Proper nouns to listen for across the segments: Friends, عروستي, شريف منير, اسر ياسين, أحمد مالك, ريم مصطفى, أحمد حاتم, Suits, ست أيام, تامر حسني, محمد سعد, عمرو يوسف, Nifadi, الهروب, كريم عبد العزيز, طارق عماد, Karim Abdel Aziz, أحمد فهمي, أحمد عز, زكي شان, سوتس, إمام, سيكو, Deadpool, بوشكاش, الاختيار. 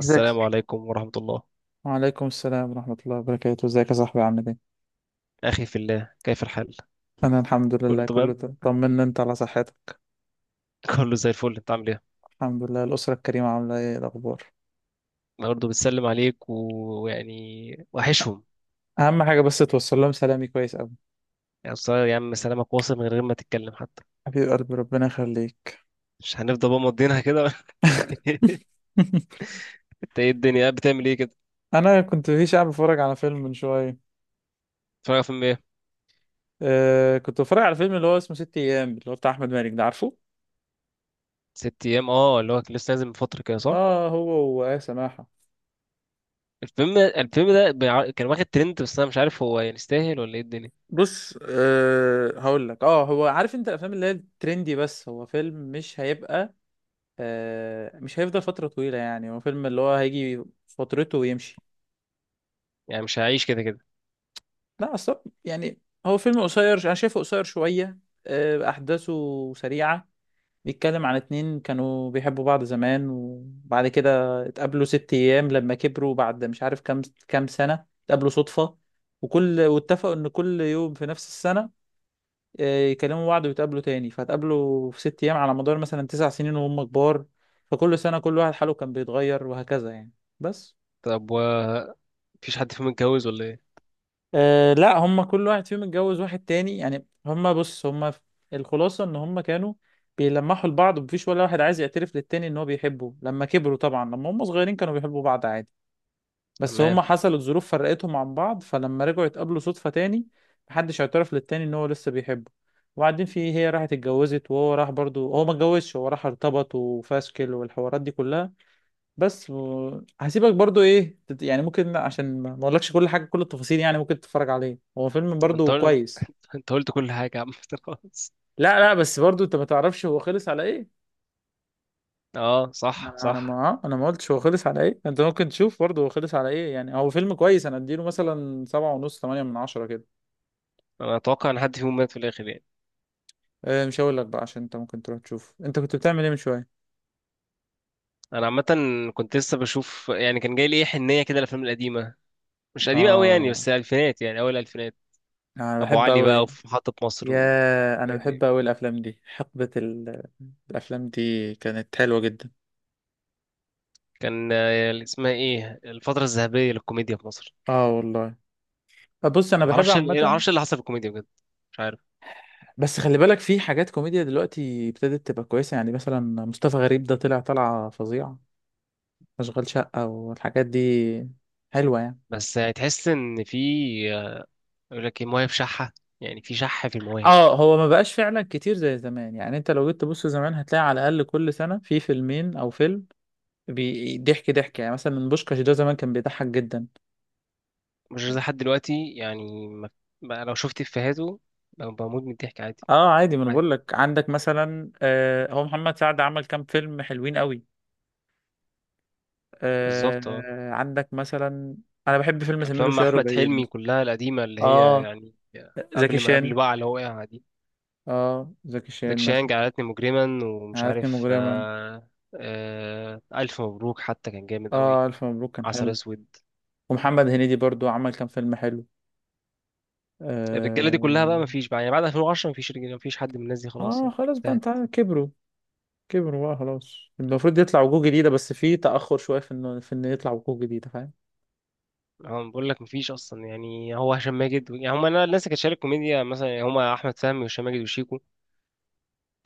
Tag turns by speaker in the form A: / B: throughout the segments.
A: ازيك
B: عليكم ورحمة الله.
A: وعليكم السلام ورحمة الله وبركاته، ازيك يا صاحبي، عامل ايه؟
B: أخي في الله، كيف الحال؟
A: أنا الحمد
B: كله
A: لله كله
B: تمام؟
A: تمام، طمنا انت على صحتك.
B: كله زي الفل، أنت عامل إيه؟
A: الحمد لله، الأسرة الكريمة عاملة ايه، إيه الأخبار؟
B: أنا برضه بتسلم عليك و- ويعني وحشهم.
A: أهم حاجة بس توصل لهم سلامي كويس أوي.
B: يعني بصراحة يا عم سلامك واصل من غير ما تتكلم حتى.
A: حبيب قلبي، ربنا يخليك.
B: مش هنفضل بقى مضينها كده. أنت إيه الدنيا، قاعد بتعمل إيه كده؟
A: أنا كنت في شعب بتفرج على فيلم من شوية.
B: بتتفرج على فيلم إيه؟
A: كنت بتفرج على فيلم اللي هو اسمه ست أيام، اللي هو بتاع أحمد مالك، ده عارفه؟
B: ست أيام، أه اللي هو كان لسه نازل من فترة كده، صح؟
A: اه هو. وآية سماحة.
B: الفيلم ده كان واخد ترند، بس أنا مش عارف هو يستاهل ولا إيه الدنيا؟
A: بص، هقول لك، هو عارف انت الافلام اللي هي الترندي، بس هو فيلم مش هيبقى، مش هيفضل فترة طويلة، يعني هو فيلم اللي هو هيجي فترته ويمشي.
B: مش هعيش كده كده.
A: لا، أصلا يعني هو فيلم قصير، أنا شايفه قصير شوية، أحداثه سريعة. بيتكلم عن اتنين كانوا بيحبوا بعض زمان، وبعد كده اتقابلوا ست أيام لما كبروا، بعد مش عارف كام سنة اتقابلوا صدفة. واتفقوا إن كل يوم في نفس السنة، يكلموا بعض ويتقابلوا تاني، فاتقابلوا في ست أيام على مدار مثلا 9 سنين وهم كبار، فكل سنة كل واحد حاله كان بيتغير، وهكذا يعني. بس.
B: طب مفيش حد فيهم متجوز ولا إيه؟
A: أه لا، هم كل واحد فيهم اتجوز واحد تاني، يعني هم، بص، الخلاصة ان هم كانوا بيلمحوا لبعض، ومفيش ولا واحد عايز يعترف للتاني ان هو بيحبه. لما كبروا طبعا، لما هم صغيرين كانوا بيحبوا بعض عادي، بس
B: تمام.
A: هم حصلت ظروف فرقتهم عن بعض، فلما رجعوا يتقابلوا صدفة تاني محدش اعترف للتاني ان هو لسه بيحبه. وبعدين هي راحت اتجوزت، وهو راح برضو، هو ما اتجوزش، هو راح ارتبط وفاشكل والحوارات دي كلها. بس هسيبك برضو، يعني ممكن، عشان ما اقولكش كل حاجه، كل التفاصيل، يعني ممكن تتفرج عليه، هو فيلم
B: طب ما أنت
A: برضو
B: قلت،
A: كويس.
B: أنت قلت كل حاجة يا عم. خلاص.
A: لا لا، بس برضو انت ما تعرفش هو خلص على ايه.
B: اه صح
A: انا انا
B: صح.
A: ما انا ما قلتش هو خلص على ايه، انت ممكن تشوف برضو هو خلص على ايه، يعني هو فيلم كويس، انا اديله مثلا 7.5، 8/10 كده.
B: انا اتوقع ان حد فيهم مات في الاخر
A: أه، مش هقول لك بقى، عشان انت ممكن تروح تشوف، انت كنت بتعمل ايه من شويه؟
B: انا عامه كنت لسه بشوف. كان جاي لي ايه حنيه كده، الافلام القديمه. مش قديمه قوي
A: اه،
B: بس الالفينات، اول الالفينات.
A: انا
B: ابو
A: بحب
B: علي بقى،
A: اوي
B: وفي محطه مصر
A: يا انا
B: والحاجات دي.
A: بحب اوي الافلام دي حقبه الافلام دي كانت حلوه جدا.
B: كان اللي اسمها ايه، الفتره الذهبيه للكوميديا في مصر.
A: اه والله، بص انا بحب
B: معرفش
A: عامه،
B: معرفش اللي حصل في الكوميديا بجد. مش عارف.
A: بس خلي بالك في حاجات كوميديا دلوقتي ابتدت تبقى كويسه، يعني مثلا مصطفى غريب ده طلع طلعه فظيعه، اشغال شقه والحاجات دي حلوه يعني.
B: بس هتحس ان في آه، يقول لك ايه، مواهب شحه. في شحه في المواهب.
A: اه، هو ما بقاش فعلا كتير زي زمان، يعني انت لو جيت تبص زمان هتلاقي على الاقل كل سنه في فيلمين او فيلم، ضحك ضحك، يعني مثلا بوشكاش ده زمان كان بيضحك جدا.
B: مش زي حد دلوقتي، يعني ما... بقى لو شفت افيهاته بموت من الضحك عادي.
A: اه عادي، ما انا
B: عادي،
A: بقول لك، عندك مثلا هو محمد سعد عمل كام فيلم حلوين قوي،
B: بالظبط اه.
A: عندك مثلا، انا بحب فيلم سمير
B: افلام
A: وشهير
B: احمد
A: وبهير
B: حلمي
A: مثلا.
B: كلها القديمه، اللي هي
A: اه
B: يعني
A: زكي
B: قبل ما قبل
A: شان
B: بقى اللي هو وقع دي.
A: اه زكي
B: زكي
A: شان
B: شان
A: مثلا.
B: جعلتني مجرما، ومش
A: عادتني
B: عارف
A: مجرما.
B: آه، الف مبروك حتى كان جامد قوي.
A: اه، الف مبروك كان
B: عسل
A: حلو.
B: اسود.
A: ومحمد هنيدي برضو عمل كام فيلم حلو
B: الرجاله دي كلها بقى
A: اه,
B: مفيش بقى، بعد 2010 مفيش رجاله، مفيش حد من الناس دي خلاص يعني.
A: خلاص بقى،
B: انتهت.
A: انت عارف، كبروا، كبروا بقى خلاص، المفروض يطلع وجوه جديده، بس في تاخر شويه في انه يطلع وجوه جديده، فاهم.
B: هو بقول لك مفيش اصلا، هو هشام ماجد، يعني هم الناس اللي كانت شايله الكوميديا مثلا، يعني هم احمد فهمي وهشام ماجد وشيكو.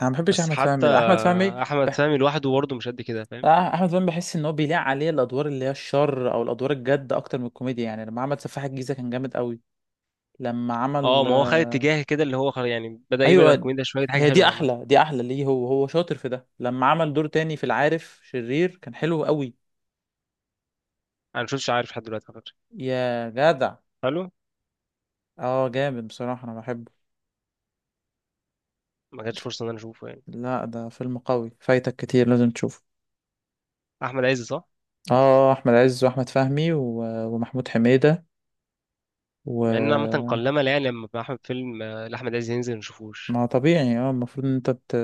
A: انا ما بحبش
B: بس
A: احمد
B: حتى
A: فهمي، ده احمد فهمي
B: احمد
A: بح...
B: فهمي لوحده برضه مش قد كده، فاهم؟
A: احمد فهمي بحس ان هو بيليق عليه الادوار اللي هي الشر او الادوار الجد اكتر من الكوميديا، يعني لما عمل سفاح الجيزه كان جامد قوي. لما
B: اه
A: عمل
B: ما هو خد
A: آه،
B: اتجاه كده اللي هو خلاص، يعني بدأ يبعد عن
A: ايوه،
B: الكوميديا شويه، دي حاجه
A: هي دي
B: حلوه عامه.
A: احلى، دي احلى ليه، هو هو شاطر في ده، لما عمل دور تاني في العارف، شرير كان حلو قوي.
B: انا مشفتش عارف لحد دلوقتي على فكره.
A: يا جدع،
B: حلو.
A: اه جامد بصراحة، انا بحبه.
B: ما كانتش فرصه ان انا اشوفه يعني.
A: لا، ده فيلم قوي فايتك كتير، لازم تشوفه.
B: احمد عز، صح؟
A: اه احمد عز واحمد فهمي ومحمود حميدة
B: مع ان عامه
A: و
B: قلما، لا يعني لما احمد فيلم لاحمد عز ينزل ما نشوفوش.
A: ما طبيعي، اه المفروض ان انت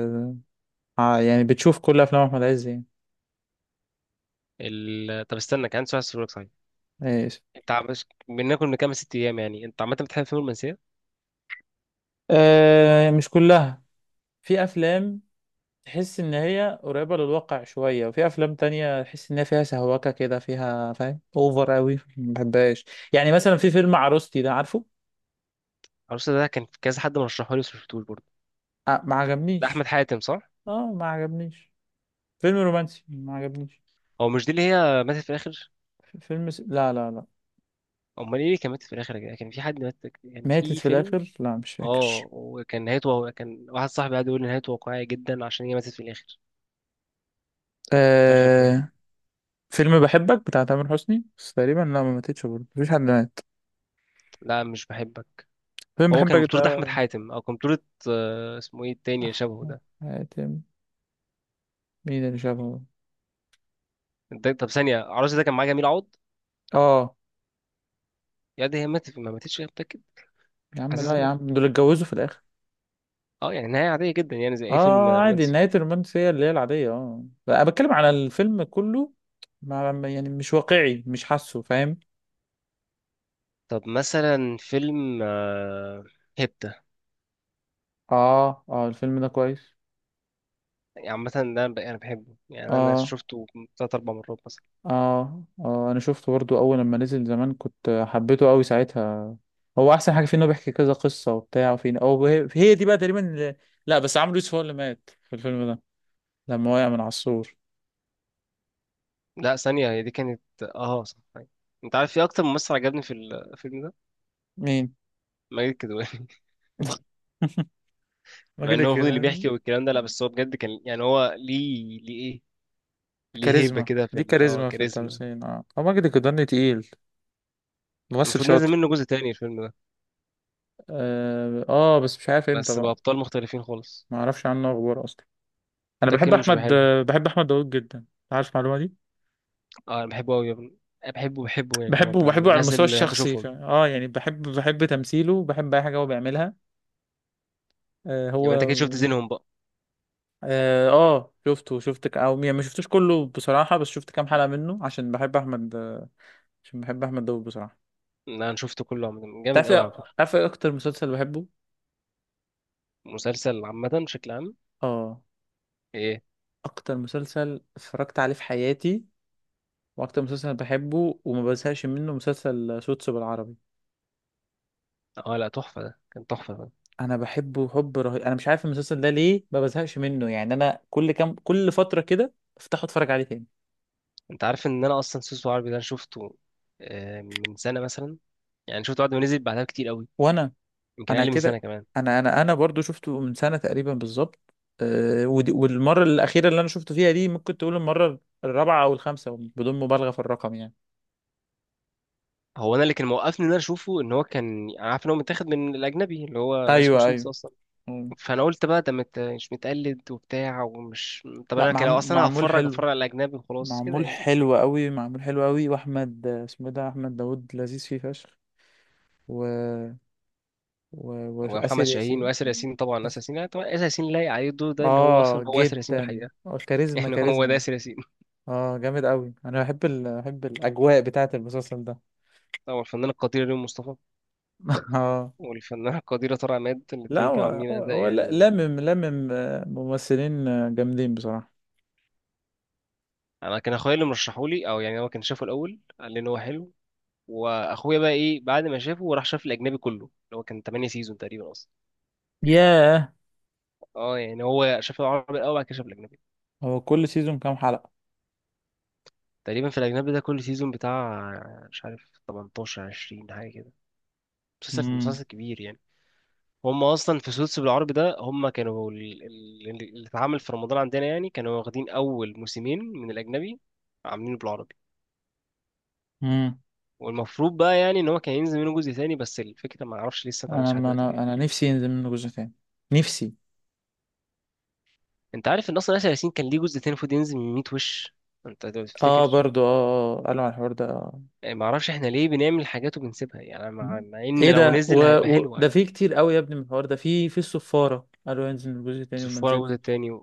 A: يعني بتشوف كل افلام احمد عز يعني.
B: ال... آه، طب استنى، كان عندي سؤال اسالك صحيح.
A: ايش؟
B: بناكل من كام ست ايام، يعني انت عامه بتحب فيلم المنسيه؟
A: مش كلها، في افلام تحس ان هي قريبة للواقع شوية، وفي افلام تانية تحس ان هي فيها سهوكة كده فيها، فاهم، اوفر قوي ما بحبهاش. يعني مثلا في فيلم عروستي ده، عارفه؟
B: عروسه ده كان كذا حد مرشحه لي بس ما شفتوش برضه.
A: آه ما
B: ده احمد
A: عجبنيش.
B: حاتم صح؟
A: اه ما عجبنيش، فيلم رومانسي ما عجبنيش.
B: هو مش دي اللي هي ماتت في الاخر؟
A: لا لا لا.
B: امال ايه اللي كان ماتت في الاخر يا جدع؟ كان في حد مات، كان
A: ماتت
B: في
A: في
B: فيلم.
A: الاخر؟ لا مش فاكر.
B: اه، وكان نهايته، هو كان واحد صاحبي قاعد يقول لي نهايته واقعيه جدا عشان هي ماتت في الاخر. في اخر فيلم.
A: آه... فيلم بحبك بتاع تامر حسني، بس تقريبا لا ما ماتتش برضه، مفيش حد مات.
B: لا مش بحبك.
A: فيلم
B: هو كان
A: بحبك
B: بطولة أحمد
A: ده.
B: حاتم، أو كان بطولة اسمه إيه التاني اللي شبهه
A: احمد
B: ده.
A: حاتم. مين اللي شافه؟
B: طب ثانية، عروس ده كان معاه جميل عوض.
A: اه.
B: يا دي هي ماتت ما ماتتش هي، متأكد؟
A: يا عم لا
B: حاسسها
A: يا
B: ماتت.
A: عم، دول اتجوزوا في الاخر.
B: أه يعني نهاية عادية جدا، يعني زي أي فيلم
A: اه عادي،
B: رومانسي.
A: نهاية الرومانس هي اللي هي العادية، اه انا بتكلم على الفيلم كله، يعني مش واقعي، مش حاسه، فاهم.
B: طب مثلا فيلم هيبتا.
A: اه اه، الفيلم ده كويس.
B: يعني عامة ده أنا أنا بحبه، يعني أنا
A: اه
B: شفته تلات أربع مرات مثلا.
A: اه اه، انا شفته برضو اول لما نزل زمان كنت حبيته قوي ساعتها، هو احسن حاجة فيه انه بيحكي كذا قصة وبتاع، وفين، او هي هي دي بقى تقريبا اللي... لا بس عمرو يوسف هو اللي مات في الفيلم ده، لما وقع من على السور.
B: لا ثانية، هي دي كانت أه صح أيوة. أنت عارف في أكتر ممثل عجبني في الفيلم ده؟
A: مين؟
B: ماجد الكدواني. مع
A: ماجد
B: إن هو المفروض اللي بيحكي
A: الكدواني.
B: والكلام ده، لا بس هو بجد كان، يعني هو ليه، ليه إيه، ليه هيبة
A: كاريزما،
B: كده في
A: دي
B: اه
A: كاريزما في
B: كاريزما.
A: التمثيل، اه هو ماجد الكدواني تقيل، ممثل
B: المفروض نازل
A: شاطر.
B: منه جزء تاني الفيلم ده،
A: اه بس مش عارف امتى
B: بس
A: بقى.
B: بأبطال مختلفين خالص.
A: ما اعرفش عنه اخبار اصلا. انا
B: ده
A: بحب
B: الكلام مش بيبقى
A: احمد
B: حلو.
A: آه، بحب احمد داوود جدا، عارف المعلومه دي.
B: اه انا بحبه قوي يا ابني. أنا بحبه يعني هو
A: بحبه
B: بقى من
A: بحبه على
B: الناس
A: المستوى
B: اللي بحب
A: الشخصي
B: اشوفهم.
A: يعني بحب، بحب تمثيله وبحب اي حاجه هو بيعملها آه
B: يبقى انت كده شفت
A: هو
B: زينهم بقى.
A: اه شفته او يعني ما شفتوش كله بصراحه، بس شفت كام حلقه منه عشان بحب احمد، عشان بحب احمد داوود بصراحه.
B: لا، انا شفته كله عامة، جامد قوي على فكرة.
A: عارف إيه اكتر مسلسل بحبه؟
B: مسلسل عامة بشكل عام؟
A: اه،
B: ايه.
A: اكتر مسلسل اتفرجت عليه في حياتي واكتر مسلسل بحبه وما بزهقش منه مسلسل سوتس بالعربي.
B: اه لا تحفة، ده كان تحفة ده.
A: انا بحبه حب رهيب، انا مش عارف المسلسل ده ليه ما بزهقش منه، يعني انا كل فتره كده افتحه اتفرج عليه تاني.
B: انت عارف ان انا اصلا سوسو عربي ده أنا شفته من سنة مثلا. يعني شفته بعد ما نزل بعدها كتير قوي.
A: وانا
B: يمكن
A: انا
B: اقل من سنة
A: كده
B: كمان.
A: انا انا انا برضو شفته من سنه تقريبا بالظبط. أه، والمره الاخيره اللي انا شفته فيها دي ممكن تقول المره الرابعه او الخامسه، بدون مبالغه في الرقم يعني.
B: هو انا اللي كان موقفني ان انا اشوفه، ان هو كان أنا عارف ان هو متاخد من الاجنبي اللي هو اسمه
A: ايوه
B: سوتس
A: ايوه.
B: اصلا.
A: مم.
B: فانا قلت بقى ده مش متقلد وبتاع، ومش، طب
A: لا
B: انا كده لو اصلا
A: معمول
B: هتفرج
A: حلو،
B: اتفرج على الاجنبي وخلاص كده
A: معمول
B: يعني.
A: حلو قوي، معمول حلو قوي، واحمد اسمه إيه ده، احمد داوود، لذيذ فيه فشخ، و
B: ومحمد
A: وآسر
B: شاهين
A: ياسين.
B: واسر ياسين، طبعا اسر ياسين، يعني طبعا اسر ياسين لايق عليه الدور ده، اللي هو
A: اه
B: اصلا هو اسر ياسين في
A: جدا،
B: الحقيقه.
A: كاريزما
B: يعني هو ده
A: كاريزما.
B: اسر ياسين.
A: اه جامد قوي، انا بحب الاجواء بتاعه المسلسل ده.
B: طبعا الفنانه القديره ريم مصطفى،
A: اه
B: والفنانه القديره طارق عماد،
A: لا،
B: الاثنين كانوا
A: هو
B: عاملين
A: هو
B: اداء
A: هو ل-
B: يعني.
A: لمم لمم آه، ممثلين جامدين بصراحة.
B: انا كان اخويا اللي مرشحولي، او يعني هو كان شافه الاول قال لي ان هو حلو. واخويا بقى ايه، بعد ما شافه راح شاف الاجنبي كله، اللي هو كان 8 سيزون تقريبا اصلا.
A: ياه.
B: اه يعني هو شاف العربي الاول بعد كده شاف الاجنبي.
A: هو كل سيزون كام حلقة؟
B: تقريبا في الأجنبي ده كل سيزون بتاع، مش عارف 18 20 حاجة كده. مسلسل
A: امم
B: مسلسل كبير يعني. هم أصلا في سوتس بالعربي ده، هم كانوا اللي اتعمل في رمضان عندنا، يعني كانوا واخدين أول موسمين من الأجنبي عاملينه بالعربي.
A: امم
B: والمفروض بقى يعني ان هو كان ينزل منه جزء تاني، بس الفكره ما اعرفش لسه ما اتعملش
A: انا
B: لحد
A: ما
B: دلوقتي ليه.
A: انا انا نفسي ينزل منه جزء تاني، نفسي.
B: انت عارف ان اصلا ياسر ياسين كان ليه جزء تاني المفروض ينزل من 100 وش؟ انت لو
A: اه
B: تفتكر.
A: برضو اه، قالوا على الحوار ده.
B: يعني. ما اعرفش احنا ليه بنعمل حاجات وبنسيبها، يعني مع ان
A: ايه
B: لو
A: ده
B: نزل هيبقى حلو
A: ده فيه
B: عادي.
A: كتير قوي يا ابني من الحوار ده، في الصفارة قالوا ينزل منه جزء تاني وما
B: تصفوا
A: نزلش.
B: الجزء التاني،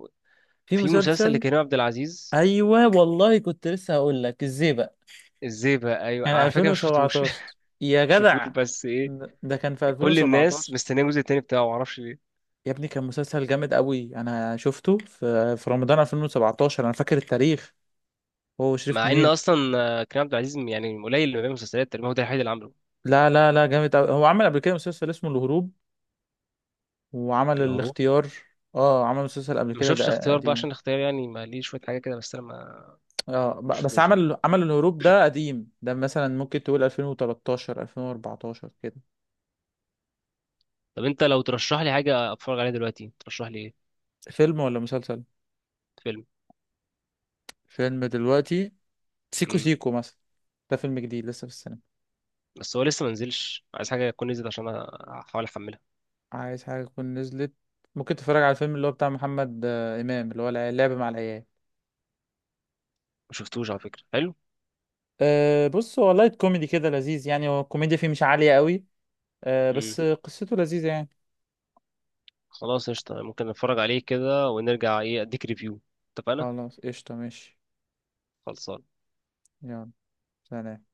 A: في
B: في مسلسل
A: مسلسل.
B: لكريم عبد العزيز.
A: ايوه والله، كنت لسه هقول لك ازاي بقى،
B: الزيبة أيوة
A: كان
B: على فكرة، ما شفتوش. ما
A: 2017 يا
B: شفتوش
A: جدع،
B: بس إيه.
A: ده كان في
B: كل الناس
A: 2017.
B: مستنية الجزء التاني بتاعه معرفش ليه.
A: يا ابني كان مسلسل جامد قوي، انا شفته في رمضان 2017، انا فاكر التاريخ. هو شريف
B: مع إن
A: منير.
B: أصلا كريم عبد العزيز يعني قليل اللي بيعمل مسلسلات، تقريبا هو ده الوحيد اللي عامله.
A: لا لا لا، جامد قوي، هو عمل قبل كده مسلسل اسمه الهروب، وعمل
B: الهروب.
A: الاختيار. اه عمل مسلسل قبل
B: ما
A: كده،
B: شفتش
A: ده
B: اختيار بقى،
A: قديم.
B: عشان اختيار يعني ما ليه شوية حاجة كده، بس أنا
A: اه
B: ما
A: بس
B: شفتوش يعني.
A: عمل الهروب ده قديم، ده مثلا ممكن تقول 2013 2014 كده.
B: طب أنت لو ترشح لي حاجة أتفرج عليها دلوقتي ترشح لي إيه؟
A: فيلم ولا مسلسل؟
B: فيلم.
A: فيلم دلوقتي. سيكو
B: امم،
A: سيكو مثلا، ده فيلم جديد لسه في السينما.
B: بس هو لسه ما نزلش، عايز حاجة تكون نزلت عشان أحاول أحملها.
A: عايز حاجة تكون نزلت؟ ممكن تتفرج على الفيلم اللي هو بتاع محمد إمام، اللي هو اللعب مع العيال.
B: ما شفتوش على فكرة، حلو.
A: أه بص، هو لايت كوميدي كده لذيذ، يعني هو الكوميديا فيه مش عالية قوي، أه
B: امم،
A: بس قصته لذيذة يعني.
B: خلاص قشطة ممكن نتفرج عليه كده ونرجع إيه أديك ريفيو. اتفقنا.
A: خلاص قشطة ماشي.
B: خلصان.
A: يلا. سلام.